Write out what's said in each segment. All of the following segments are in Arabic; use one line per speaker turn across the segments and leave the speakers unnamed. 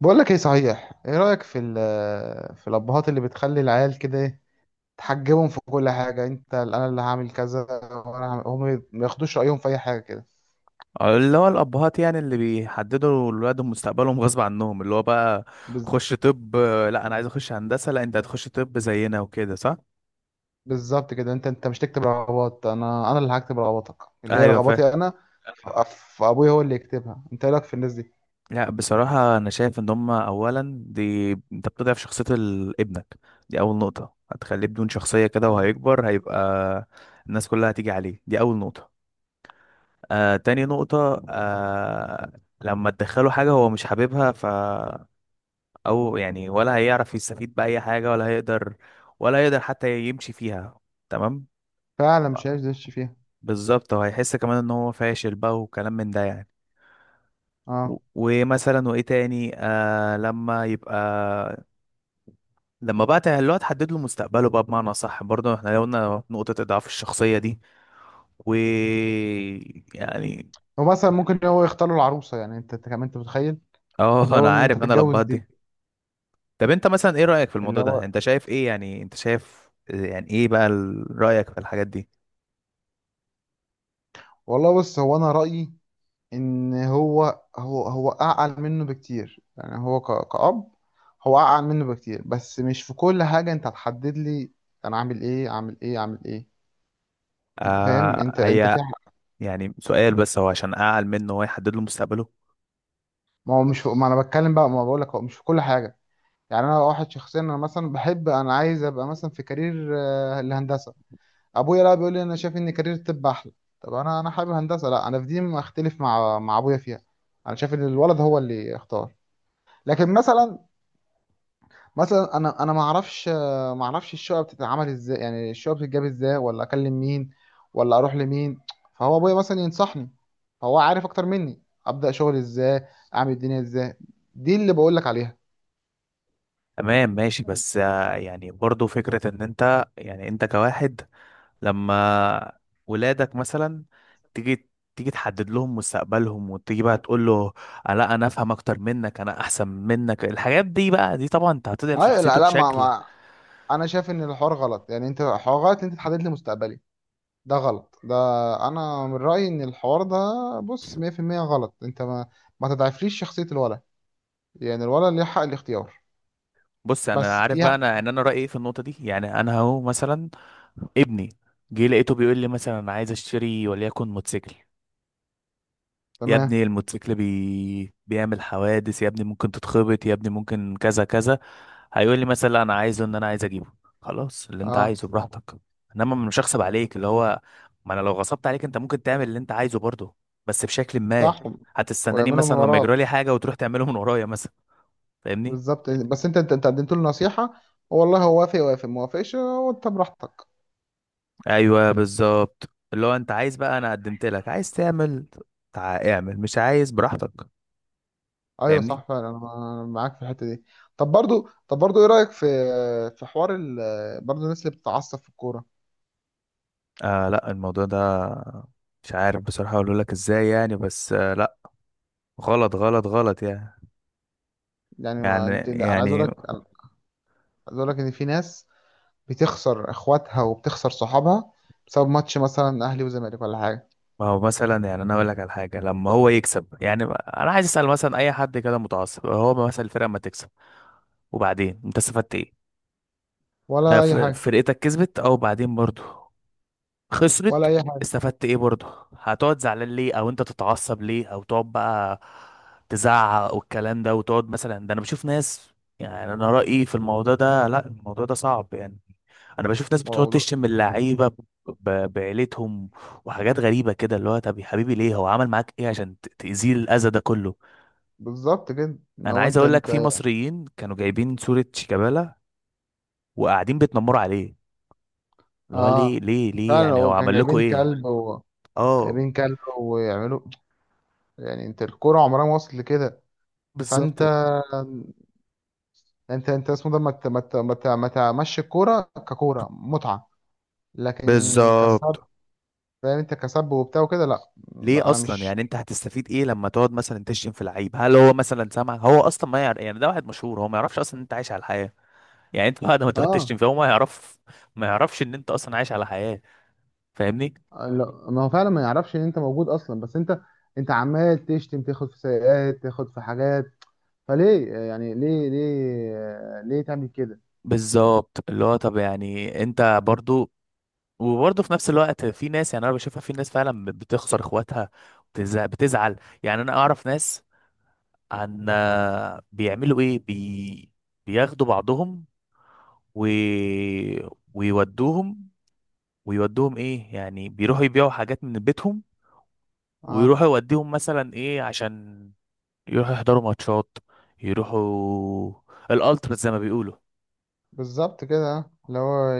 بقول لك ايه صحيح، ايه رأيك في الابهات اللي بتخلي العيال كده، ايه تحجبهم في كل حاجة. انت انا اللي هعمل كذا وانا هعمل هم، ما ياخدوش رأيهم في اي حاجة كده.
اللي هو الأبهات يعني اللي بيحددوا لولادهم مستقبلهم غصب عنهم، اللي هو بقى
بز-
خش طب، لا أنا عايز أخش هندسة، لا أنت هتخش طب زينا وكده، صح؟
بالظبط كده، انت مش تكتب رغبات، انا اللي هكتب رغباتك، اللي هي
أيوه، فاهم.
رغباتي انا. ف- فابويا هو اللي يكتبها. انت ايه رأيك في الناس دي؟
لا بصراحة أنا شايف إن هما، أولا دي أنت بتضعف شخصية ابنك. دي أول نقطة، هتخليه بدون شخصية كده
اه،
وهيكبر هيبقى الناس كلها هتيجي عليه. دي أول نقطة. تاني نقطة. لما تدخله حاجة هو مش حاببها، او يعني ولا هيعرف يستفيد بأي حاجة، ولا هيقدر حتى يمشي فيها. تمام.
فعلا مش عايز يدش فيها.
بالظبط، وهيحس كمان ان هو فاشل بقى وكلام من ده يعني.
اه،
ومثلا وايه تاني، لما يبقى، اللي هو تحدد له مستقبله بقى، بمعنى صح، برضه احنا قلنا نقطة اضعاف الشخصية دي، و يعني.
ومثلا ممكن هو يختار له العروسة، يعني انت كمان انت متخيل
اه،
اللي هو
انا
ان انت
عارف، انا
تتجوز
لبهت
دي؟
دي. طب انت مثلا ايه رأيك في
اللي
الموضوع
هو
ده؟ انت شايف ايه يعني؟ انت شايف يعني ايه بقى، رأيك في الحاجات دي؟
والله، بص، هو انا رأيي ان هو اعقل منه بكتير، يعني هو كأب هو اعقل منه بكتير، بس مش في كل حاجة انت هتحدد لي انا عامل ايه، عامل ايه، عامل ايه. انت فاهم؟
هي يعني سؤال بس، هو عشان اعقل منه ويحدد له مستقبله؟
ما هو مش في... ما انا بتكلم بقى، ما بقول لك هو مش في كل حاجة. يعني انا واحد شخصيا، انا مثلا بحب، انا عايز ابقى مثلا في كارير، الهندسة. ابويا لا بيقول لي انا شايف ان كارير الطب احلى. طب انا حابب هندسة. لا، انا في دي ما اختلف مع ابويا فيها، انا شايف ان الولد هو اللي اختار. لكن مثلا، مثلا انا ما اعرفش، ما اعرفش الشقه بتتعمل ازاي، يعني الشقه بتتجاب ازاي، ولا اكلم مين، ولا اروح لمين، فهو ابويا مثلا ينصحني، فهو عارف اكتر مني ابدا شغل ازاي، اعمل الدنيا ازاي. دي اللي بقول لك عليها.
تمام ماشي، بس يعني برضه فكرة ان انت يعني، انت كواحد لما ولادك مثلا تيجي تيجي تحدد لهم مستقبلهم، وتيجي بقى تقول له لا انا افهم اكتر منك، انا احسن منك، الحاجات دي بقى، دي طبعا انت هتضعف
اي، لا
شخصيته
لا، ما,
بشكل.
ما انا شايف ان الحوار غلط، يعني انت الحوار غلط، انت تحدد لي مستقبلي، ده غلط ده. انا من رايي ان الحوار ده، بص، 100% غلط. انت ما تضعفليش شخصيه الولد، يعني الولد ليه حق الاختيار
بص انا
بس
عارف بقى،
فيها.
انا رايي ايه في النقطة دي، يعني انا اهو مثلا ابني جه لقيته بيقول لي مثلا انا عايز اشتري وليكن موتوسيكل. يا
تمام،
ابني الموتوسيكل بيعمل حوادث، يا ابني ممكن تتخبط، يا ابني ممكن كذا كذا. هيقول لي مثلا لا انا عايزه، ان انا عايز اجيبه. خلاص، اللي انت
اه،
عايزه براحتك، انما مش هغصب عليك اللي هو، ما انا لو غصبت عليك انت ممكن تعمل اللي انت عايزه برضه، بس بشكل ما،
صح،
هتستناني
ويعملوا من
مثلا لما يجرى
وراك.
لي حاجه وتروح تعمله من ورايا مثلا. فاهمني؟
بالظبط، بس انت قدمت له نصيحة، والله هو وافق، وافق ما وافقش، وانت براحتك.
ايوه بالظبط، اللي هو انت عايز بقى، انا قدمت لك، عايز تعمل اعمل، مش عايز براحتك.
ايوه
فاهمني؟
صح فعلا، انا معاك في الحته دي. طب برضو، ايه رايك في في حوار ال... برضو الناس اللي بتتعصب في الكوره.
لا الموضوع ده، مش عارف بصراحة اقول لك ازاي يعني، بس لا، غلط غلط غلط يعني
يعني ما
يعني
انت، انا عايز اقول
يعني
لك عايز اقول لك ان في ناس بتخسر اخواتها وبتخسر صحابها، بسبب ماتش مثلا اهلي وزمالك ولا حاجه،
ما هو مثلا يعني، انا اقول لك على حاجة، لما هو يكسب يعني، انا عايز اسأل مثلا اي حد كده متعصب، هو مثلا الفرقة ما تكسب وبعدين انت استفدت ايه؟
ولا اي حاجه،
فرقتك كسبت، او بعدين برضه خسرت،
ولا اي حاجه.
استفدت ايه برضه؟ هتقعد زعلان ليه، او انت تتعصب ليه، او تقعد بقى تزعق والكلام ده وتقعد مثلا. ده انا بشوف ناس يعني، انا رأيي في الموضوع ده لا، الموضوع ده صعب يعني. انا بشوف ناس بتقعد
والله.
تشتم اللعيبة بعيلتهم وحاجات غريبة كده، اللي هو طب يا حبيبي ليه، هو عمل معاك ايه عشان تأذيه الأذى ده كله؟
بالظبط كده ان
انا
هو
عايز
انت
اقول لك
انت
في مصريين كانوا جايبين صورة شيكابالا وقاعدين بيتنمروا عليه، اللي هو ليه
اه،
ليه ليه
فعلا
يعني، هو
هو كان
عمل لكم
جايبين
ايه؟
كلب
اه،
جايبين كلب ويعملوا، يعني انت الكوره عمرها ما وصلت لكده.
بالظبط.
فانت انت انت اسمه ده ما تمشي الكوره ككوره متعه، لكن كسب.
بالظبط
فاهم، انت كسب وبتاع وكده. لا،
ليه
لا، انا
اصلا،
مش،
يعني انت هتستفيد ايه لما تقعد مثلا تشتم في لعيب؟ هل هو مثلا سامع؟ هو اصلا ما يعرف يعني، ده واحد مشهور، هو ما يعرفش اصلا ان انت عايش على الحياه. يعني انت بعد ما تقعد تشتم
اه،
فيه هو ما يعرف، ما يعرفش ان انت اصلا عايش على حياه. فاهمني؟
لا. ما هو فعلا ما يعرفش ان انت موجود اصلا، بس انت عمال تشتم، تاخد في سيئات، تاخد في حاجات. فليه، يعني ليه ليه ليه تعمل كده.
بالظبط اللي هو، طب يعني انت برضو، وبرضه في نفس الوقت في ناس، يعني انا بشوفها في ناس فعلا بتخسر اخواتها، بتزعل. يعني انا اعرف ناس عن بيعملوا ايه، بياخدوا بعضهم، و... ويودوهم، ويودوهم ايه يعني، بيروحوا يبيعوا حاجات من بيتهم
اه.
ويروحوا يوديهم مثلا ايه، عشان يروحوا يحضروا ماتشات، يروحوا الالتراس زي ما بيقولوا.
بالظبط كده، اللي هو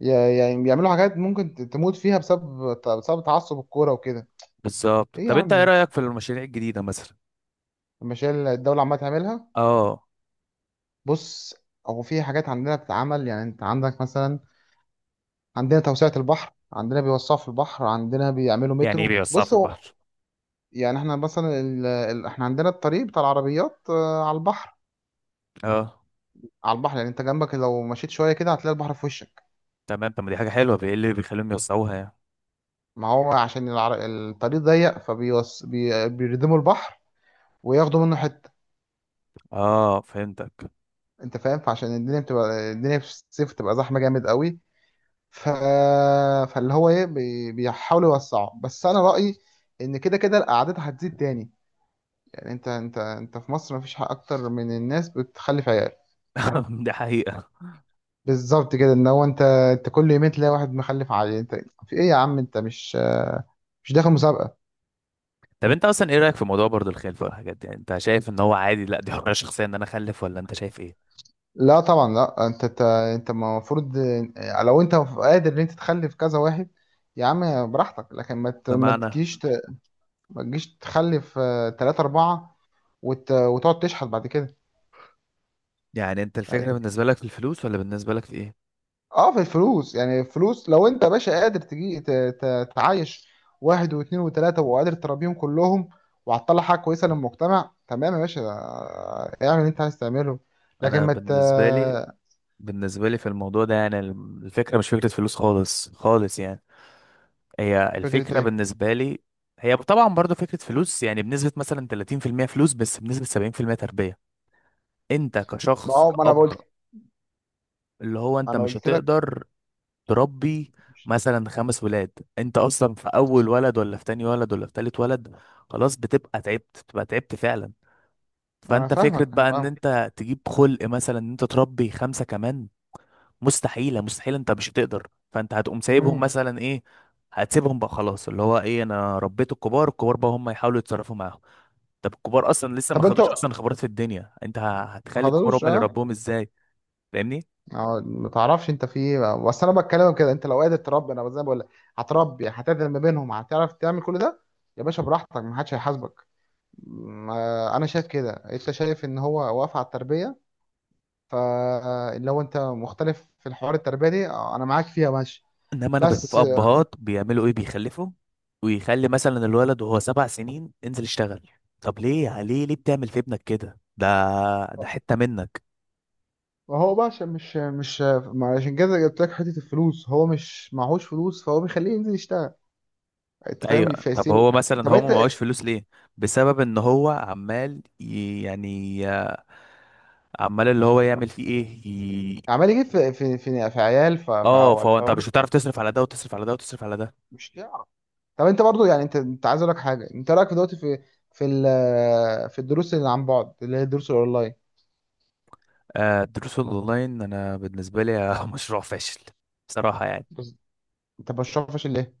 يعني بيعملوا حاجات ممكن تموت فيها، بسبب تعصب الكوره وكده.
بالظبط.
ايه يا
طب انت ايه
عم،
رأيك في المشاريع الجديدة مثلا؟
المشاريع اللي الدوله عماله تعملها.
اه.
بص، هو في حاجات عندنا بتتعمل، يعني انت عندك مثلا، عندنا توسعه البحر، عندنا بيوسعوا في البحر، عندنا بيعملوا
يعني ايه
مترو.
بيوسعوا في
بص هو
البحر؟
يعني احنا مثلا احنا عندنا الطريق بتاع العربيات، على البحر،
اه
على البحر. يعني انت جنبك لو مشيت شويه كده هتلاقي البحر في وشك.
تمام، طب ما دي حاجة حلوة، ايه اللي بيخليهم يوسعوها يعني؟
ما هو عشان الطريق ضيق، بيردموا البحر وياخدوا منه حته،
اه فهمتك.
انت فاهم. فعشان الدنيا في الصيف بتبقى زحمه جامد قوي. ف... فاللي هو ايه، بيحاولوا يوسعوا، بس انا رايي ان كده كده الاعداد هتزيد تاني. يعني انت في مصر مفيش حق اكتر من الناس بتخلف عيال.
دي حقيقة.
بالظبط كده ان هو، انت كل يومين تلاقي واحد مخلف عيال. انت في ايه يا عم، انت مش داخل مسابقه.
طب انت اصلا ايه رأيك في موضوع برضه الخلفة والحاجات دي؟ يعني انت شايف ان هو عادي، لا دي حرية شخصية ان انا اخلف، ولا انت شايف ايه؟
لا طبعا، لا، انت المفروض لو انت قادر ان انت تخلف كذا واحد يا عم براحتك، لكن ما ت- ما
بمعنى،
تجيش ت- ما تجيش تخلف، تلاتة أربعة وتقعد تشحت بعد كده.
يعني انت الفكرة بالنسبة لك في الفلوس، ولا بالنسبة لك في ايه؟
اه، في الفلوس، يعني الفلوس لو انت يا باشا قادر تجي تعايش واحد واثنين وثلاثة وقادر تربيهم كلهم، وهتطلع حاجة كويسة للمجتمع، تمام يا باشا، اعمل اللي انت عايز تعمله، لكن
انا
ما ت...
بالنسبه لي، في الموضوع ده، يعني الفكره مش فكره فلوس خالص خالص يعني، هي
فكرة
الفكره
ايه؟
بالنسبه لي، هي طبعا برضو فكره فلوس، يعني بنسبه مثلا 30% فلوس، بس بنسبه 70% تربيه. انت
ما
كشخص
هو ما انا
كأب،
قلت،
اللي هو انت
انا
مش
قلت لك.
هتقدر تربي مثلا 5 ولاد. انت اصلا في اول ولد، ولا في تاني ولد، ولا في تالت ولد، خلاص بتبقى تعبت، فعلا
انا
فانت فكره
فاهمك، انا
بقى ان
فاهمك.
انت تجيب خلق، مثلا ان انت تربي خمسه كمان، مستحيلة مستحيلة، انت مش هتقدر. فانت هتقوم سايبهم
مم.
مثلا ايه، هتسيبهم بقى خلاص، اللي هو ايه، انا ربيت الكبار، الكبار بقى هم يحاولوا يتصرفوا معاهم. طب الكبار اصلا لسه ما
طب انت،
خدوش اصلا خبرات في الدنيا، انت
ما
هتخلي الكبار
حضروش،
هم اللي
اه.
ربوهم ازاي؟ فاهمني؟
اه، ما تعرفش انت في ايه، بس انا بتكلم كده، انت لو قادر تربي انا زي ما بقول لك هتربي، هتعدل ما بينهم، هتعرف تعمل كل ده، يا باشا براحتك، ما حدش هيحاسبك. انا شايف كده، انت شايف ان هو واقف على التربيه، فلو انت مختلف في الحوار التربيه دي، انا معاك فيها ماشي.
انما انا بشوف
بس
ابهات بيعملوا ايه، بيخلفوا ويخلي مثلا الولد وهو 7 سنين انزل اشتغل. طب ليه ليه ليه بتعمل في ابنك كده؟ ده حتة منك.
هو بقى عشان مش، ما عشان كده جبت لك حته الفلوس، هو مش معهوش فلوس فهو بيخليه ينزل يشتغل، انت
ايوه
فاهم
طب
فيسيب. طب
هو
انت
مثلا، هو ما
بقيت
معهوش فلوس ليه؟ بسبب ان هو عمال يعني، عمال اللي هو يعمل فيه ايه
عمال يجيب في عيال،
اه
فهو
فهو انت
الحوار،
مش هتعرف تصرف على ده، وتصرف على ده، وتصرف على ده.
مش تعرف. طب انت برضو يعني انت عايز اقول لك حاجه، انت رايك في دلوقتي في في الدروس اللي عن بعد اللي هي الدروس الاونلاين.
آه الدروس الاونلاين انا بالنسبه لي مشروع فاشل بصراحه يعني.
بس انت بشوفش ليه.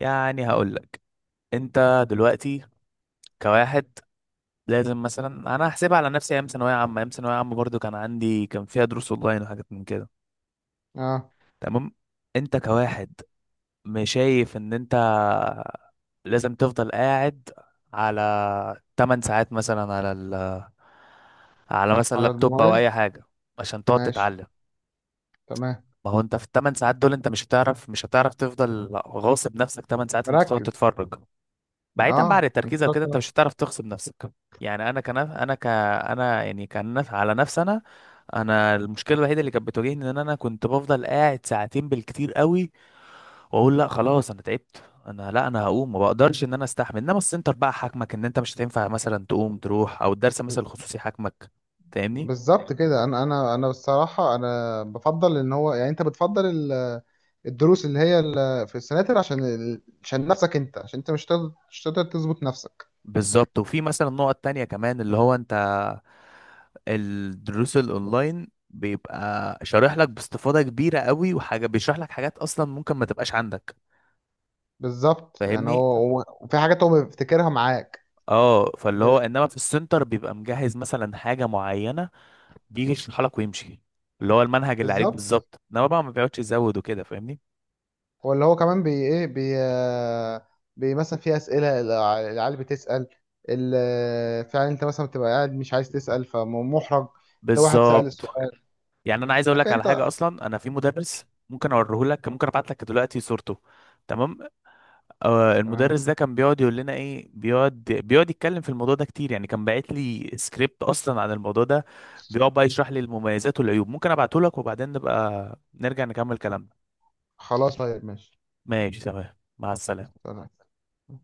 يعني هقول لك، انت دلوقتي كواحد لازم، مثلا انا هحسبها على نفسي، ايام ثانويه عامه برضو كان عندي، كان فيها دروس اونلاين وحاجات من كده.
اه،
تمام. انت كواحد مش شايف ان انت لازم تفضل قاعد على 8 ساعات مثلا، على على مثلا
على
لابتوب او
الموبايل،
اي حاجه عشان تقعد
ماشي،
تتعلم؟
تمام،
ما هو انت في ال 8 ساعات دول انت مش هتعرف تفضل غاصب نفسك 8 ساعات، انت تقعد
مركز.
تتفرج بعيدا بقى عن
اه، انت
التركيز او
بتقعد
كده، انت مش
تركز.
هتعرف تغصب نفسك. يعني انا كان، انا يعني كان على نفسي انا، انا المشكله الوحيده اللي كانت بتواجهني ان انا كنت بفضل قاعد ساعتين بالكتير قوي، واقول لا خلاص انا تعبت، انا لا انا هقوم ما بقدرش ان انا استحمل. انما السنتر بقى حاكمك ان انت مش هتنفع مثلا تقوم تروح، او الدرس مثلا الخصوصي حاكمك. فاهمني؟
بالظبط كده، انا الصراحه انا بفضل ان هو، يعني انت بتفضل الدروس اللي هي في السناتر عشان عشان نفسك انت، عشان انت مش تقدر تظبط نفسك.
بالظبط. وفي مثلا نقط تانية كمان اللي هو انت، الدروس الاونلاين بيبقى شارح لك باستفاضة كبيرة قوي، وحاجة بيشرح لك حاجات اصلا ممكن ما تبقاش عندك.
بالظبط يعني
فاهمني؟
هو، وفي حاجات هو بيفتكرها معاك.
اه فاللي هو انما في السنتر بيبقى مجهز مثلا حاجة معينة، بيجي يشرح لك ويمشي، اللي هو المنهج اللي عليك
بالظبط،
بالظبط، انما بقى ما بيقعدش يزود وكده. فاهمني؟
ولا هو كمان بي ايه بي آه، بي مثلا في اسئله العيال بتسال، فعلا انت مثلا بتبقى قاعد مش عايز تسال فمحرج، تلاقي واحد سال
بالظبط.
السؤال.
يعني انا عايز اقول
لكن
لك على
انت،
حاجه اصلا، انا في مدرس ممكن اوريه لك، ممكن ابعت لك دلوقتي صورته. تمام. آه
تمام،
المدرس ده كان بيقعد يقول لنا ايه، بيقعد يتكلم في الموضوع ده كتير يعني، كان باعت لي سكريبت اصلا عن الموضوع ده. بيقعد بقى يشرح لي المميزات والعيوب، ممكن ابعته لك وبعدين نبقى نرجع نكمل كلامنا.
خلاص، طيب، ماشي،
ماشي تمام، مع السلامه.
تمام.